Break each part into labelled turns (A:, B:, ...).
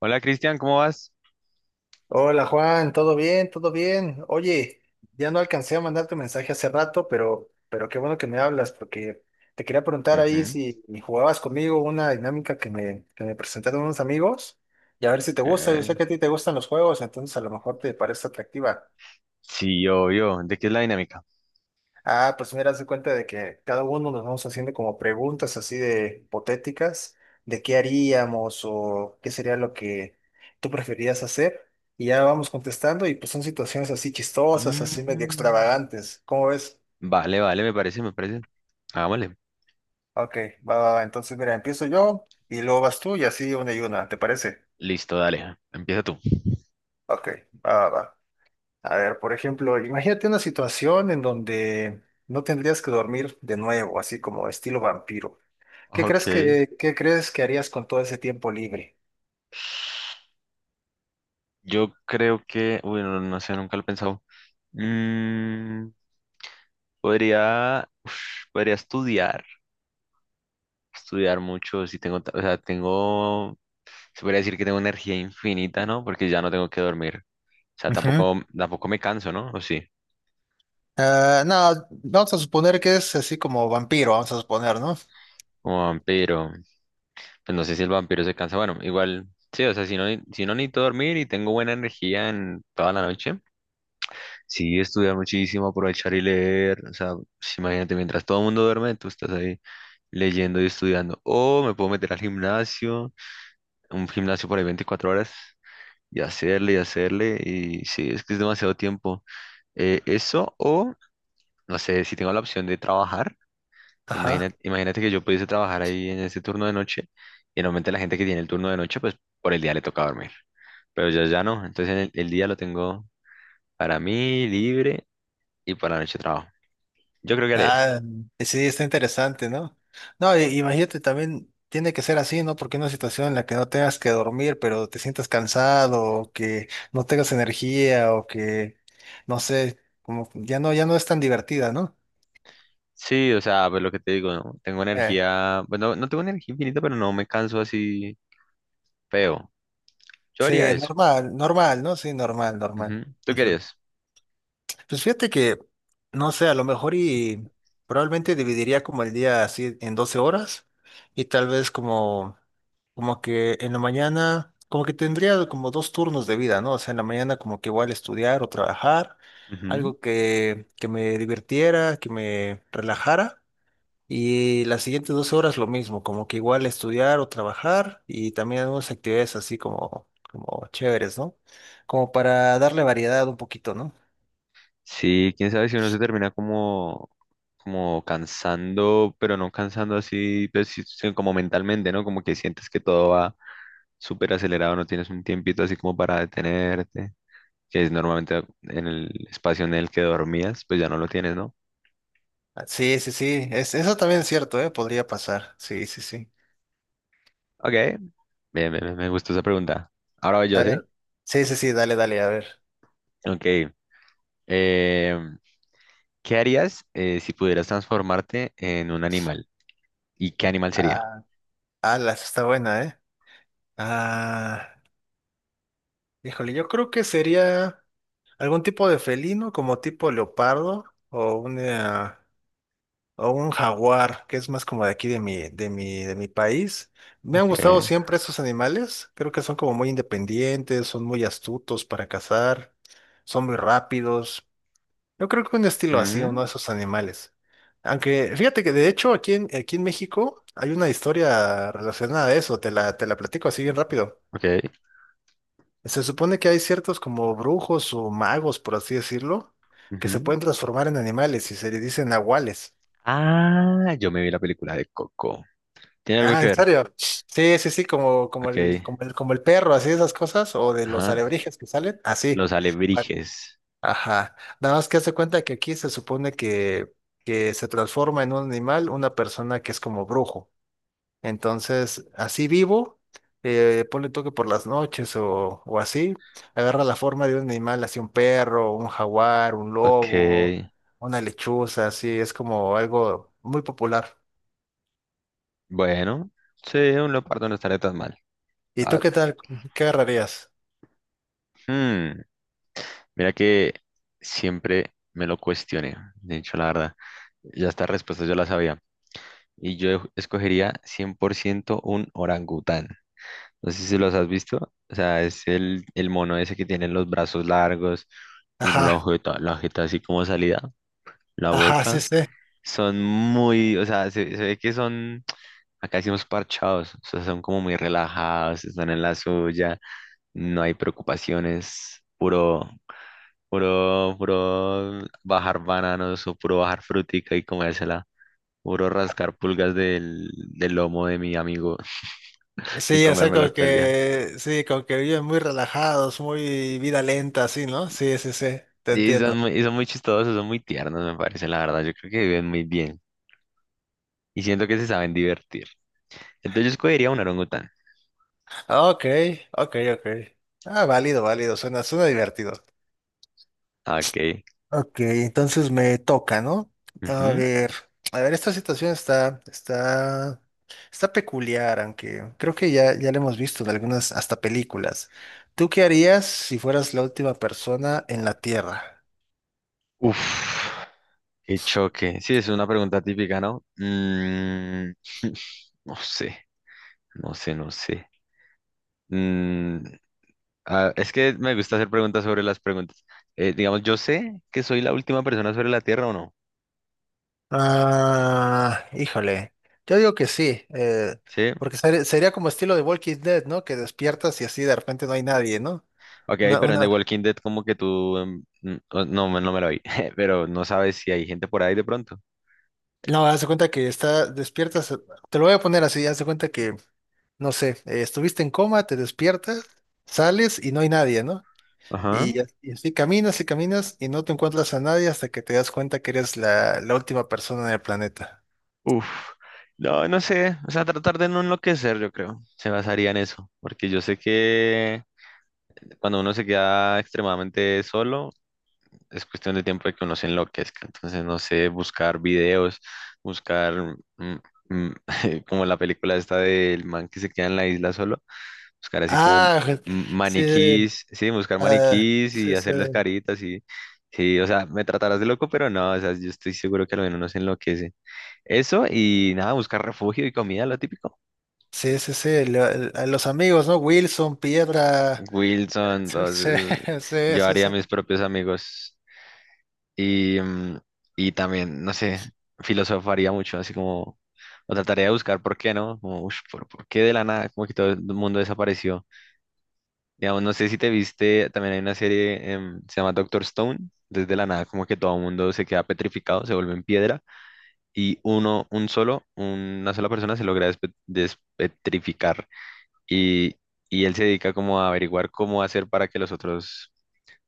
A: Hola Cristian, ¿cómo vas?
B: Hola Juan, ¿todo bien? ¿Todo bien? Oye, ya no alcancé a mandarte un mensaje hace rato, pero qué bueno que me hablas, porque te quería preguntar ahí
A: Ujú.
B: si jugabas conmigo una dinámica que me presentaron unos amigos y a ver si te gusta. Yo sé
A: Eh,
B: que a ti te gustan los juegos, entonces a lo mejor te parece atractiva.
A: sí, obvio. ¿De qué es la dinámica?
B: Ah, pues mira, se cuenta de que cada uno nos vamos haciendo como preguntas así de hipotéticas, de qué haríamos o qué sería lo que tú preferirías hacer. Y ya vamos contestando y pues son situaciones así chistosas, así medio
A: Mm,
B: extravagantes. ¿Cómo ves?
A: vale, vale, me parece. Hagámosle.
B: Ok, va, va, va. Entonces mira, empiezo yo y luego vas tú y así una y una, ¿te parece?
A: Listo, dale, empieza tú.
B: Ok, va, va, va. A ver, por ejemplo, imagínate una situación en donde no tendrías que dormir de nuevo, así como estilo vampiro. ¿Qué crees
A: Ok.
B: qué crees que harías con todo ese tiempo libre?
A: Yo creo que, uy, no, no sé, nunca lo he pensado. Mm, podría, uf, podría estudiar, estudiar mucho si tengo, o sea, tengo, se podría decir que tengo energía infinita, ¿no? Porque ya no tengo que dormir. O sea,
B: Ujú.
A: tampoco me canso, ¿no? O sí,
B: Ah, no, vamos a suponer que es así como vampiro, vamos a suponer, ¿no?
A: como vampiro. Pues no sé si el vampiro se cansa. Bueno, igual, sí, o sea, si no, si no necesito dormir y tengo buena energía en toda la noche, sí, estudiar muchísimo, aprovechar y leer. O sea, pues, imagínate, mientras todo el mundo duerme, tú estás ahí leyendo y estudiando. O me puedo meter al gimnasio, un gimnasio por ahí 24 horas, y hacerle y hacerle. Y sí, es que es demasiado tiempo. Eso, o no sé, si tengo la opción de trabajar, imagínate,
B: Ajá.
A: imagínate que yo pudiese trabajar ahí en ese turno de noche, y normalmente la gente que tiene el turno de noche, pues por el día le toca dormir. Pero ya no. Entonces el día lo tengo para mí libre y para la noche trabajo. Yo creo que haré eso.
B: Ah, sí, está interesante, ¿no? No, imagínate también, tiene que ser así, ¿no? Porque una situación en la que no tengas que dormir, pero te sientas cansado, o que no tengas energía, o que, no sé, como ya no es tan divertida, ¿no?
A: Sí, o sea, pues lo que te digo, ¿no? Tengo
B: Eh,
A: energía, bueno, no tengo energía infinita, pero no me canso así feo. Yo
B: sí,
A: haría eso.
B: normal, normal, ¿no? Sí, normal, normal.
A: Ujú. ¿Tú qué harías?
B: Pues fíjate que, no sé, a lo mejor y probablemente dividiría como el día así en 12 horas y tal vez como, como que en la mañana, como que tendría como dos turnos de vida, ¿no? O sea, en la mañana como que igual estudiar o trabajar,
A: Ujú.
B: algo que me divirtiera, que me relajara y las siguientes 12 horas lo mismo, como que igual estudiar o trabajar y también algunas actividades así como, como chéveres, ¿no? Como para darle variedad un poquito, ¿no?
A: Sí, quién sabe si uno se termina como, como cansando, pero no cansando así, pues, sí, sino como mentalmente, ¿no? Como que sientes que todo va súper acelerado, no tienes un tiempito así como para detenerte. Que es normalmente en el espacio en el que dormías, pues ya no lo tienes, ¿no?
B: Ah, sí, sí, sí. Es, eso también es cierto, ¿eh? Podría pasar. Sí, sí, sí.
A: Ok, bien, bien, me gustó esa pregunta. Ahora voy yo,
B: A
A: ¿sí?
B: ver. Sí, sí, sí, dale, dale, a ver.
A: Ok. eh, ¿Qué harías si pudieras transformarte en un animal? ¿Y qué animal sería?
B: Ah, alas, está buena, ¿eh? Ah, híjole, yo creo que sería algún tipo de felino, como tipo leopardo, o una, o un jaguar, que es más como de aquí de mi país. Me han
A: Ok.
B: gustado siempre esos animales. Creo que son como muy independientes, son muy astutos para cazar, son muy rápidos. Yo creo que un estilo así, uno
A: Mm,
B: de esos animales. Aunque fíjate que de hecho aquí en México hay una historia relacionada a eso, te la platico así bien rápido.
A: ok.
B: Se supone que hay ciertos como brujos o magos, por así decirlo, que se
A: Ujú.
B: pueden transformar en animales y se le dicen nahuales.
A: Ah, yo me vi la película de Coco. ¿Tiene algo
B: Ah,
A: que
B: ¿en
A: ver?
B: serio? Sí, sí, sí, como,
A: Ok.
B: como el perro, así esas cosas, o de los
A: Ajá,
B: alebrijes que salen, así.
A: los alebrijes.
B: Ajá. Nada más que hace cuenta que aquí se supone que se transforma en un animal una persona que es como brujo. Entonces, así vivo, ponle toque por las noches o así, agarra la forma de un animal, así un perro, un jaguar, un
A: Ok,
B: lobo, una lechuza, así, es como algo muy popular.
A: bueno, sí, un leopardo no estaría tan mal,
B: ¿Y
A: la
B: tú qué
A: verdad.
B: tal? ¿Qué agarrarías?
A: Hmm, mira que siempre me lo cuestioné, de hecho, la verdad. Ya estas respuestas yo las sabía. Y yo escogería 100% un orangután. No sé si los has visto. O sea, es el mono ese que tiene los brazos largos, tiene
B: Ajá,
A: la jeta así como salida, la
B: ajá, sí,
A: boca.
B: sí.
A: Son muy, o sea, se ve que son, acá decimos parchados, o sea, son como muy relajados, están en la suya, no hay preocupaciones, puro, puro bajar bananos o puro bajar frutica y comérsela, puro rascar pulgas del lomo de mi amigo y
B: Sí, o sea, como
A: comérmelas todo el día.
B: que, sí, como que viven muy relajados, muy vida lenta, así, ¿no? Sí, sí, sí, te entiendo.
A: Y son muy chistosos, son muy tiernos, me parece, la verdad, yo creo que viven muy bien y siento que se saben divertir. Entonces yo escogería un orangután.
B: Ok, ok, ok. Ah, válido, válido, suena, suena divertido.
A: Ok.
B: Ok, entonces me toca, ¿no? A
A: Ujú.
B: ver, a ver, esta está peculiar, aunque creo que ya la hemos visto en algunas hasta películas. ¿Tú qué harías si fueras la última persona en la Tierra?
A: Uf. Qué choque. Sí, es una pregunta típica, ¿no? Mm, no sé, no sé, no sé. Mm, ah, es que me gusta hacer preguntas sobre las preguntas. Digamos, yo sé que soy la última persona sobre la Tierra o no.
B: Ah, híjole. Yo digo que sí,
A: Sí.
B: porque sería como estilo de Walking Dead, ¿no? Que despiertas y así de repente no hay nadie, ¿no?
A: Ok, pero en The
B: Una...
A: Walking Dead como que tú... no, no me lo vi, pero no sabes si hay gente por ahí de pronto.
B: No, haz de cuenta que está, despiertas, te lo voy a poner así, haz de cuenta que, no sé, estuviste en coma, te despiertas, sales y no hay nadie, ¿no?
A: Ajá.
B: Y, y así caminas y caminas y no te encuentras a nadie hasta que te das cuenta que eres la última persona en el planeta.
A: Uf. No, no sé. O sea, tratar de no enloquecer, yo creo. Se basaría en eso. Porque yo sé que cuando uno se queda extremadamente solo es cuestión de tiempo de que uno se enloquezca. Entonces, no sé, buscar videos, buscar mm, mm, como la película esta del man que se queda en la isla solo, buscar así como
B: Ah, sí,
A: maniquís, sí, buscar
B: ah,
A: maniquís y
B: sí, sí.
A: hacerles caritas y sí, o sea, me tratarás de loco, pero no, o sea, yo estoy seguro que al menos uno se enloquece. Eso y nada, buscar refugio y comida, lo típico.
B: Sí, sí, sí, a los amigos, ¿no? Wilson, Piedra.
A: Wilson,
B: Sí, sí,
A: entonces
B: sí,
A: yo
B: sí.
A: haría
B: sí.
A: mis propios amigos. Y, mm, y también, no sé, filosofaría mucho, así como, o trataría de buscar por qué, ¿no? Como, ush, por qué de la nada? Como que todo el mundo desapareció. Digamos, no sé si te viste, también hay una serie, se llama Doctor Stone, desde la nada, como que todo el mundo se queda petrificado, se vuelve en piedra, y uno, un solo, una sola persona se logra despetrificar. Y, y él se dedica como a averiguar cómo hacer para que los otros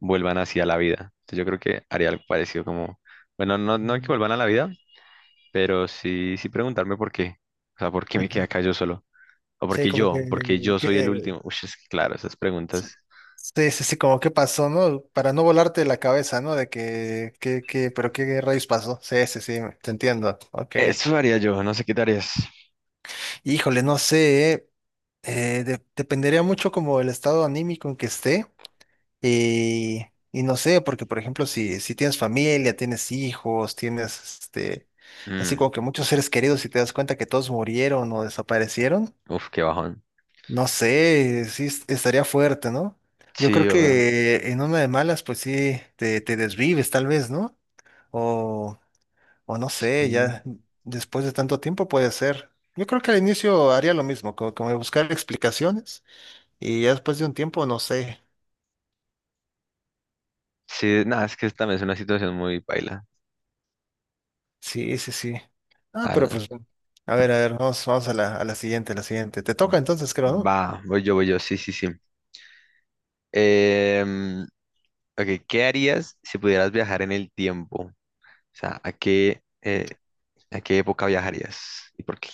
A: vuelvan así a la vida. Entonces yo creo que haría algo parecido como, bueno, no, no que
B: Mm.
A: vuelvan a la vida, pero sí, sí preguntarme por qué. O sea, ¿por qué me quedé
B: Ujú.
A: acá yo solo? ¿O por
B: Sí,
A: qué
B: como que,
A: yo? ¿Por qué yo soy el
B: que-
A: último? Uy, es que claro, esas
B: sí,
A: preguntas.
B: sí, sí, sí, como que pasó, ¿no? Para no volarte la cabeza, ¿no? De que, pero qué rayos pasó. Sí, sí, sí, te entiendo. Ok.
A: Eso haría yo, no sé qué te harías.
B: Híjole, no sé, ¿eh? Dependería mucho como el estado anímico en que esté. Y, y no sé, porque por ejemplo, si tienes familia, tienes hijos, tienes este, así
A: Mm,
B: como que muchos seres queridos y te das cuenta que todos murieron o desaparecieron,
A: uf, qué bajón.
B: no sé, sí estaría fuerte, ¿no? Yo
A: Sí,
B: creo
A: obvio.
B: que en una de malas, pues sí, te desvives tal vez, ¿no? O, o no
A: Sí,
B: sé, ya después de tanto tiempo puede ser. Yo creo que al inicio haría lo mismo, como, como buscar explicaciones y ya después de un tiempo, no sé.
A: sí, nada, es que también es una situación muy paila,
B: Sí, sí, sí. Ah,
A: la
B: pero
A: verdad.
B: pues, a ver, vamos, vamos a la siguiente, a la siguiente. Te toca entonces, creo, ¿no?
A: Va, voy yo, sí, sí, sí. Em, ok, ¿qué harías si pudieras viajar en el tiempo? O sea, ¿a qué, ¿a qué época viajarías? ¿Y por qué?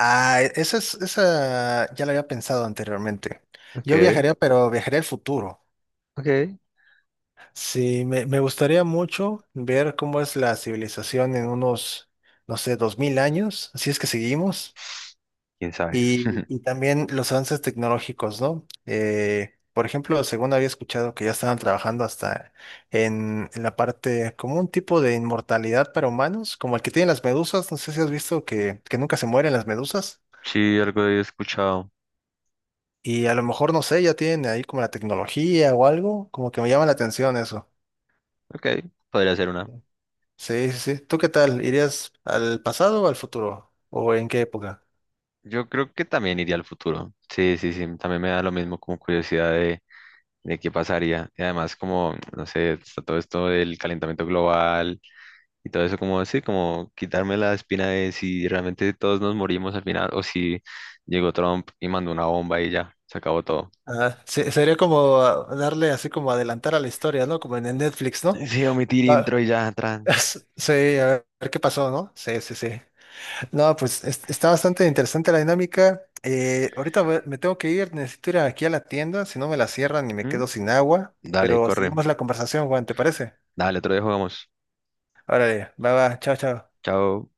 B: Ah, esa es, esa ya la había pensado anteriormente.
A: Ok,
B: Yo viajaría, pero viajaría al futuro.
A: ok.
B: Sí, me gustaría mucho ver cómo es la civilización en unos, no sé, 2000 años, si es que seguimos.
A: ¿Quién sabe?
B: Y también los avances tecnológicos, ¿no? Por ejemplo, según había escuchado que ya estaban trabajando hasta en la parte, como un tipo de inmortalidad para humanos, como el que tienen las medusas, no sé si has visto que nunca se mueren las medusas,
A: Sí, algo he escuchado.
B: y a lo mejor, no sé, ya tienen ahí como la tecnología o algo, como que me llama la atención eso.
A: Ok, podría ser una.
B: Sí, sí, sí. ¿Tú qué tal? ¿Irías al pasado o al futuro? ¿O en qué época?
A: Yo creo que también iría al futuro. Sí, sí, sí. También me da lo mismo como curiosidad de qué pasaría. Y además como, no sé, está todo esto del calentamiento global y todo eso como así, como quitarme la espina de si realmente todos nos morimos al final o si llegó Trump y mandó una bomba y ya, se acabó todo.
B: Ah, sería como ah, darle así como adelantar a la historia, ¿no? Como en el Netflix, ¿no?
A: Sí, omitir
B: Va-
A: intro y ya, tran.
B: Sí, a ver qué pasó, ¿no? Sí, sí, sí. No, pues está bastante interesante la dinámica. Me tengo que ir, necesito ir aquí a la tienda, si no me la cierran y me
A: ¿Mm?
B: quedo sin agua.
A: Dale,
B: Pero
A: corre.
B: seguimos la conversación, Juan, ¿te parece?
A: Dale, otro día jugamos.
B: Órale, va, va, chao, chao.
A: Chao.